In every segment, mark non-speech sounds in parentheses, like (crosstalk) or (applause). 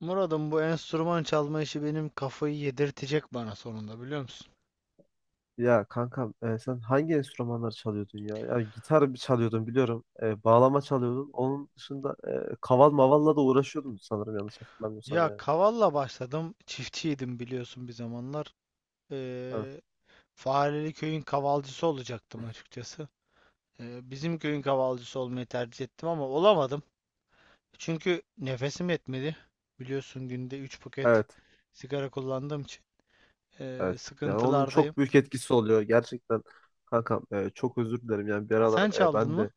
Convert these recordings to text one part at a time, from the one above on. Murat'ım, bu enstrüman çalma işi benim kafayı yedirtecek bana sonunda, biliyor musun? Ya kankam sen hangi enstrümanları çalıyordun ya? Ya gitar bir çalıyordun biliyorum. Bağlama çalıyordun. Onun dışında kaval mavalla da uğraşıyordun sanırım yanlış hatırlamıyorsam Ya yani. kavalla başladım. Çiftçiydim, biliyorsun, bir zamanlar. Evet. Ee, Fareli köyün kavalcısı olacaktım açıkçası. Bizim köyün kavalcısı olmayı tercih ettim ama olamadım. Çünkü nefesim yetmedi. Biliyorsun günde 3 paket Evet. sigara kullandığım için Evet. Yani onun sıkıntılardayım. çok büyük etkisi oluyor. Gerçekten kankam çok özür dilerim. Yani bir Sen aralar çaldın ben mı? de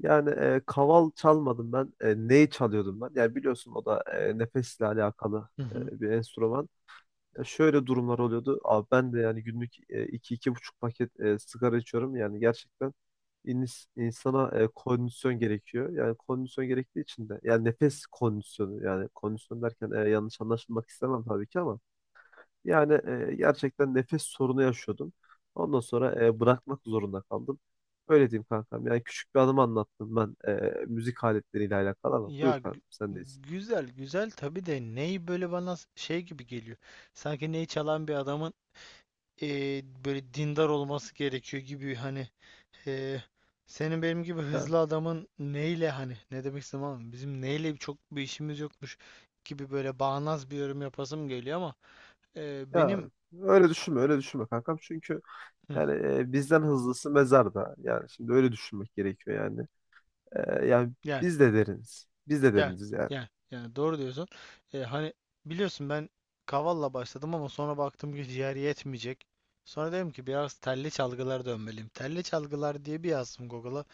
yani kaval çalmadım ben. E, neyi çalıyordum ben? Yani biliyorsun o da nefesle alakalı Hı hı. Bir enstrüman. Ya şöyle durumlar oluyordu. Abi ben de yani günlük iki iki buçuk paket sigara içiyorum. Yani gerçekten insana kondisyon gerekiyor. Yani kondisyon gerektiği için de yani nefes kondisyonu yani kondisyon derken yanlış anlaşılmak istemem tabii ki ama yani gerçekten nefes sorunu yaşıyordum. Ondan sonra bırakmak zorunda kaldım. Öyle diyeyim kankam. Yani küçük bir anımı anlattım ben müzik aletleriyle alakalı ama buyur Ya kankam sendeyiz. güzel güzel tabii de ney böyle bana şey gibi geliyor. Sanki ney çalan bir adamın böyle dindar olması gerekiyor gibi, hani. eee, Senin benim gibi Ya, hızlı adamın neyle, hani ne demek istedim, ama bizim neyle çok bir işimiz yokmuş gibi böyle bağnaz bir yorum yapasım geliyor ama ya benim. öyle düşünme öyle düşünme kankam çünkü Hı. yani bizden hızlısı mezarda. Yani şimdi öyle düşünmek gerekiyor yani. E, yani Yani, biz de deriniz. Biz de yani, deriniz yani. yani, yani doğru diyorsun. Hani biliyorsun, ben kavalla başladım ama sonra baktım ki ciğer yetmeyecek. Sonra dedim ki biraz telli çalgılar dönmeliyim. Telli çalgılar diye bir yazdım Google'a.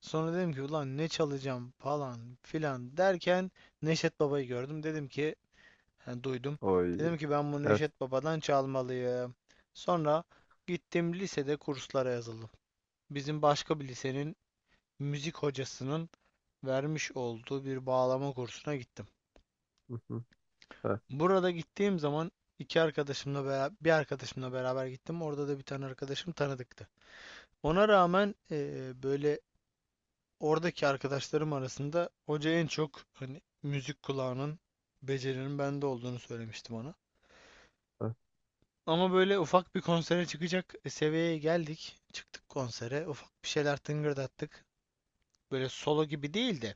Sonra dedim ki ulan ne çalacağım falan filan derken Neşet Baba'yı gördüm. Dedim ki, yani duydum. Oy. Dedim ki ben bu Evet. Neşet Baba'dan çalmalıyım. Sonra gittim lisede kurslara yazıldım. Bizim başka bir lisenin müzik hocasının vermiş olduğu bir bağlama kursuna gittim. Hı hı. Evet. Burada gittiğim zaman iki arkadaşımla beraber, bir arkadaşımla beraber gittim. Orada da bir tane arkadaşım tanıdıktı. Ona rağmen böyle, oradaki arkadaşlarım arasında hoca en çok, hani müzik kulağının, becerinin bende olduğunu söylemiştim ona. Evet. Ama böyle ufak bir konsere çıkacak seviyeye geldik. Çıktık konsere. Ufak bir şeyler tıngırdattık. Böyle solo gibi değil de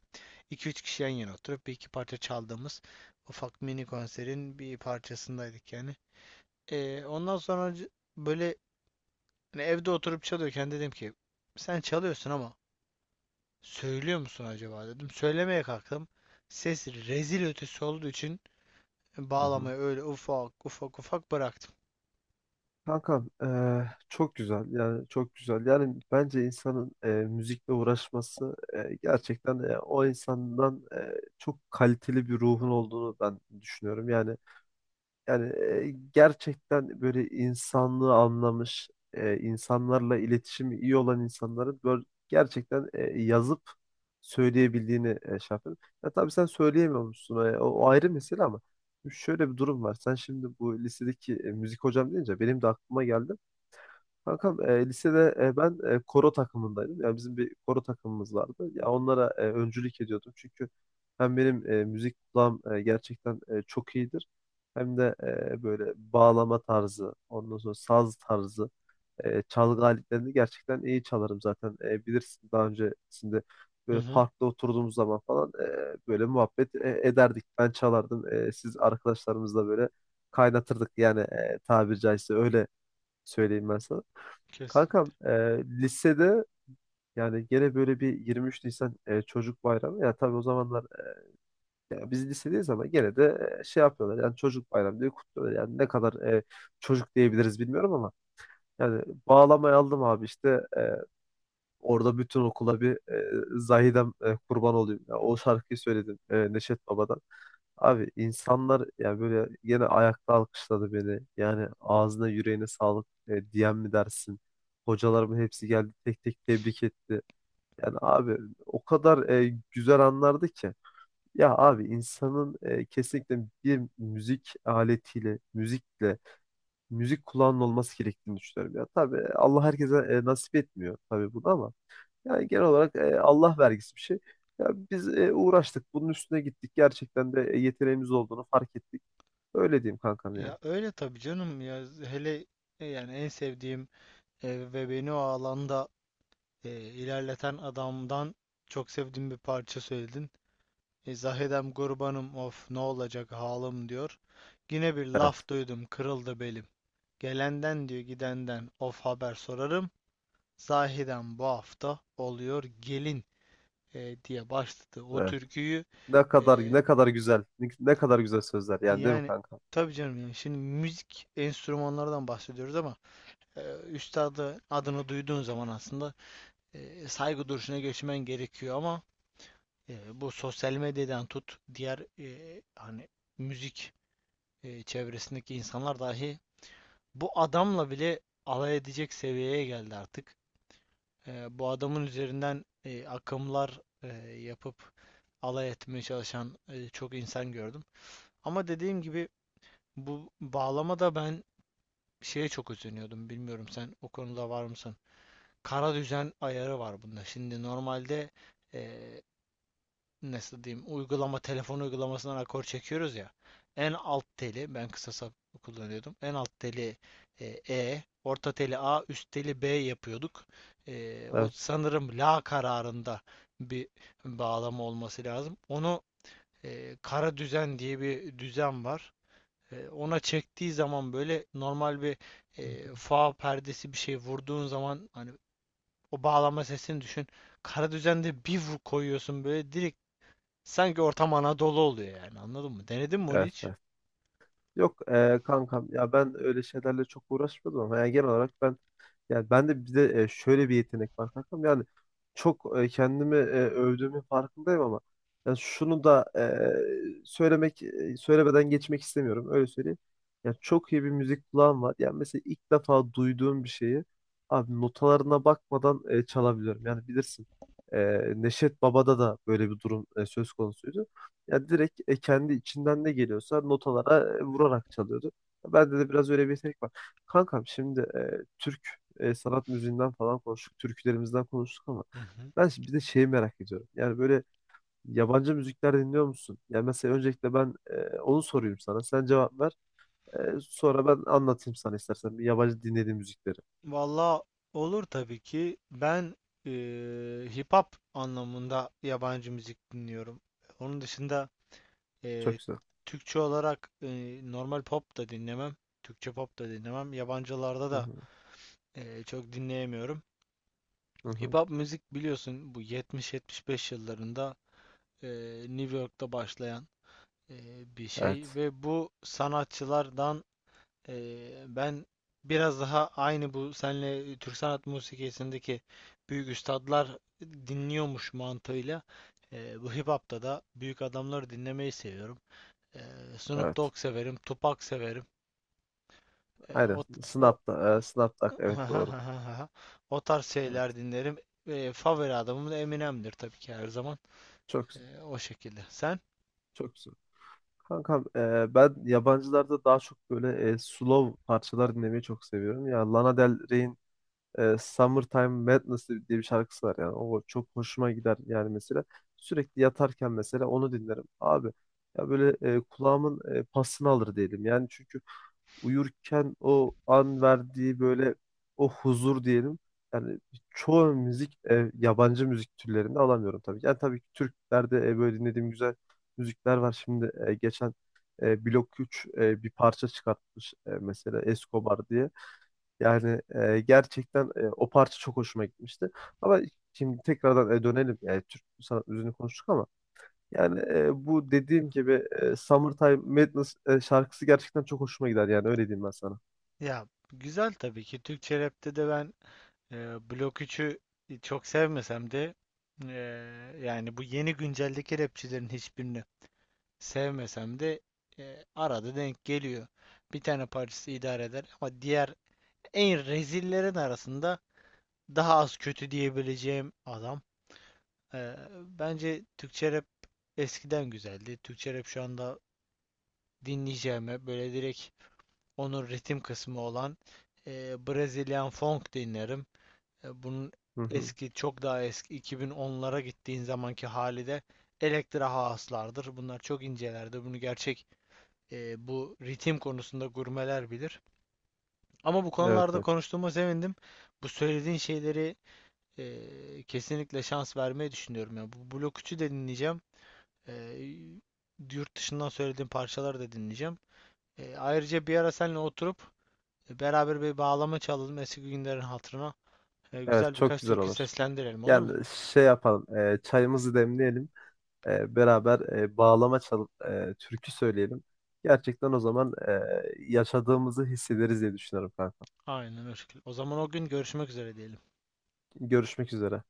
2-3 kişi yan yana oturup bir iki parça çaldığımız ufak, mini konserin bir parçasındaydık yani. Ondan sonra böyle, hani evde oturup çalıyorken dedim ki sen çalıyorsun ama söylüyor musun acaba, dedim. Söylemeye kalktım. Ses rezil ötesi olduğu için Hı hı. bağlamayı öyle ufak ufak ufak bıraktım. Kankam çok güzel yani çok güzel yani bence insanın müzikle uğraşması gerçekten o insandan çok kaliteli bir ruhun olduğunu ben düşünüyorum yani. Yani gerçekten böyle insanlığı anlamış, insanlarla iletişimi iyi olan insanların böyle gerçekten yazıp söyleyebildiğini şey yapıyorum. Ya tabii sen söyleyemiyormuşsun. O ayrı mesele ama şöyle bir durum var. Sen şimdi bu lisedeki müzik hocam deyince benim de aklıma geldi. Kankam lisede ben koro takımındaydım. Yani bizim bir koro takımımız vardı. Ya onlara öncülük ediyordum. Çünkü hem benim müzik kulağım gerçekten çok iyidir. Hem de böyle bağlama tarzı, ondan sonra saz tarzı, çalgı aletlerini gerçekten iyi çalarım zaten. E, bilirsin daha öncesinde Hı böyle hı, parkta oturduğumuz zaman falan böyle muhabbet ederdik. Ben çalardım. E, siz arkadaşlarımızla böyle kaynatırdık yani tabiri caizse öyle söyleyeyim ben sana. kesin. Kankam lisede yani gene böyle bir 23 Nisan çocuk bayramı. Ya tabii o zamanlar ya biz lisedeyiz ama gene de şey yapıyorlar yani çocuk bayramı diye kutluyorlar. Yani ne kadar çocuk diyebiliriz bilmiyorum ama yani bağlamayı aldım abi işte e, orada bütün okula bir Zahidem kurban olayım. Ya o şarkıyı söyledim Neşet Baba'dan. Abi insanlar ya böyle yine ayakta alkışladı beni. Yani ağzına yüreğine sağlık diyen mi dersin? Hocalarımın hepsi geldi tek tek tebrik etti. Yani abi o kadar güzel anlardı ki. Ya abi insanın kesinlikle bir müzik aletiyle, müzikle, müzik kulağının olması gerektiğini düşünüyorum. Ya tabii Allah herkese nasip etmiyor tabii bunu ama yani genel olarak Allah vergisi bir şey. Ya biz uğraştık, bunun üstüne gittik. Gerçekten de yeteneğimiz olduğunu fark ettik. Öyle diyeyim kankam yani. Ya öyle tabii canım, ya hele yani en sevdiğim ve beni o alanda ilerleten adamdan çok sevdiğim bir parça söyledin. Zahidem Gurbanım, of, ne olacak halim, diyor. Yine bir Evet. laf duydum, kırıldı belim. Gelenden, diyor, gidenden of haber sorarım. Zahiren bu hafta oluyor gelin, diye başladı o Evet. türküyü. Ne E, kadar ne kadar güzel. Ne kadar güzel sözler yani değil mi Yani kankam? tabii canım, yani şimdi müzik enstrümanlardan bahsediyoruz ama e, üstadı adını duyduğun zaman aslında saygı duruşuna geçmen gerekiyor ama bu sosyal medyadan tut, diğer hani müzik çevresindeki insanlar dahi bu adamla bile alay edecek seviyeye geldi artık. Bu adamın üzerinden akımlar yapıp alay etmeye çalışan çok insan gördüm. Ama dediğim gibi bu bağlamada ben şeye çok üzülüyordum. Bilmiyorum, sen o konuda var mısın? Kara düzen ayarı var bunda. Şimdi normalde, e, nasıl diyeyim, uygulama, telefon uygulamasından akor çekiyoruz ya. En alt teli ben kısa sap kullanıyordum. En alt teli E, orta teli A, üst teli B yapıyorduk. O Evet. sanırım la kararında bir bağlama olması lazım. Onu, kara düzen diye bir düzen var. Ona çektiği zaman böyle normal bir fa perdesi, bir şey vurduğun zaman hani o bağlama sesini düşün. Kara düzende bir vur koyuyorsun böyle direkt. Sanki ortam Anadolu oluyor yani, anladın mı? Denedin mi onu Evet. hiç? Evet. Yok kankam ya ben öyle şeylerle çok uğraşmadım ama yani genel olarak ben yani ben de bir de şöyle bir yetenek var kankam. Yani çok kendimi övdüğümün farkındayım ama yani şunu da söylemek söylemeden geçmek istemiyorum. Öyle söyleyeyim. Yani çok iyi bir müzik kulağım var. Yani mesela ilk defa duyduğum bir şeyi abi notalarına bakmadan çalabiliyorum. Yani bilirsin. e, Neşet Baba'da da böyle bir durum söz konusuydu. Yani direkt kendi içinden ne geliyorsa notalara vurarak çalıyordu. Bende de biraz öyle bir yetenek var. Kankam şimdi Türk sanat müziğinden falan konuştuk, türkülerimizden konuştuk ama Hı hı. ben şimdi bir de şeyi merak ediyorum. Yani böyle yabancı müzikler dinliyor musun? Yani mesela öncelikle ben onu sorayım sana. Sen cevap ver. E, sonra ben anlatayım sana istersen bir yabancı dinlediğim müzikleri. Valla, olur tabii ki. Ben hip hop anlamında yabancı müzik dinliyorum. Onun dışında Çok eee, güzel. Türkçe olarak normal pop da dinlemem. Türkçe pop da dinlemem. Yabancılarda Hı da hı, çok dinleyemiyorum. hı Hip hı. hop müzik, biliyorsun, bu 70-75 yıllarında New York'ta başlayan bir şey, Evet. ve bu sanatçılardan. Ben biraz daha, aynı bu senle Türk sanat musikisindeki büyük üstadlar dinliyormuş mantığıyla, bu hip hop'ta da büyük adamları dinlemeyi seviyorum. Ee, Snoop Evet. Dogg severim, Tupac severim. Ee, Aynen. o, o, Snap'ta. Snap'ta. Evet doğru. (laughs) O tarz şeyler Evet. dinlerim. Favori adamım da Eminem'dir tabii ki her zaman. Çok güzel. O şekilde. Sen? Çok güzel. Kankam ben yabancılarda daha çok böyle slow parçalar dinlemeyi çok seviyorum. Ya Lana Del Rey'in Summertime Madness diye bir şarkısı var yani. O çok hoşuma gider yani mesela. Sürekli yatarken mesela onu dinlerim. Abi ya böyle kulağımın pasını alır diyelim. Yani çünkü uyurken o an verdiği böyle o huzur diyelim. Yani çoğu müzik yabancı müzik türlerinde alamıyorum tabii ki. Yani tabii ki Türklerde böyle dinlediğim güzel müzikler var. Şimdi geçen Blok 3 bir parça çıkartmış mesela Escobar diye. Yani gerçekten o parça çok hoşuma gitmişti. Ama şimdi tekrardan dönelim. Yani Türk sanat müziğini konuştuk ama yani bu dediğim gibi Summertime Madness şarkısı gerçekten çok hoşuma gider yani öyle diyeyim ben sana. Ya, güzel tabii ki. Türkçe rapte de ben, Blok 3'ü çok sevmesem de, yani bu yeni günceldeki rapçilerin hiçbirini sevmesem de, arada denk geliyor. Bir tane parçası idare eder ama diğer en rezillerin arasında daha az kötü diyebileceğim adam. Ee, Bence Türkçe rap eskiden güzeldi. Türkçe rap şu anda dinleyeceğime böyle direkt onun ritim kısmı olan Brazilian Funk dinlerim. Bunun Hı hı. eski, çok daha eski 2010'lara gittiğin zamanki hali de Elektra haaslardır. Bunlar çok incelerdi. Bunu gerçek, bu ritim konusunda gurmeler bilir. Ama bu Evet konularda evet. konuştuğuma sevindim. Bu söylediğin şeyleri kesinlikle şans vermeyi düşünüyorum. Yani bu Blok 3'ü de dinleyeceğim. E, Yurt dışından söylediğim parçaları da dinleyeceğim. Ayrıca bir ara seninle oturup beraber bir bağlama çalalım eski günlerin hatırına. Evet Güzel çok birkaç güzel türkü olur. seslendirelim, olur mu? Yani şey yapalım. Çayımızı demleyelim. Beraber bağlama çalıp türkü söyleyelim. Gerçekten o zaman yaşadığımızı hissederiz diye düşünüyorum kanka. Aynen öyle. O zaman o gün görüşmek üzere diyelim. Görüşmek üzere.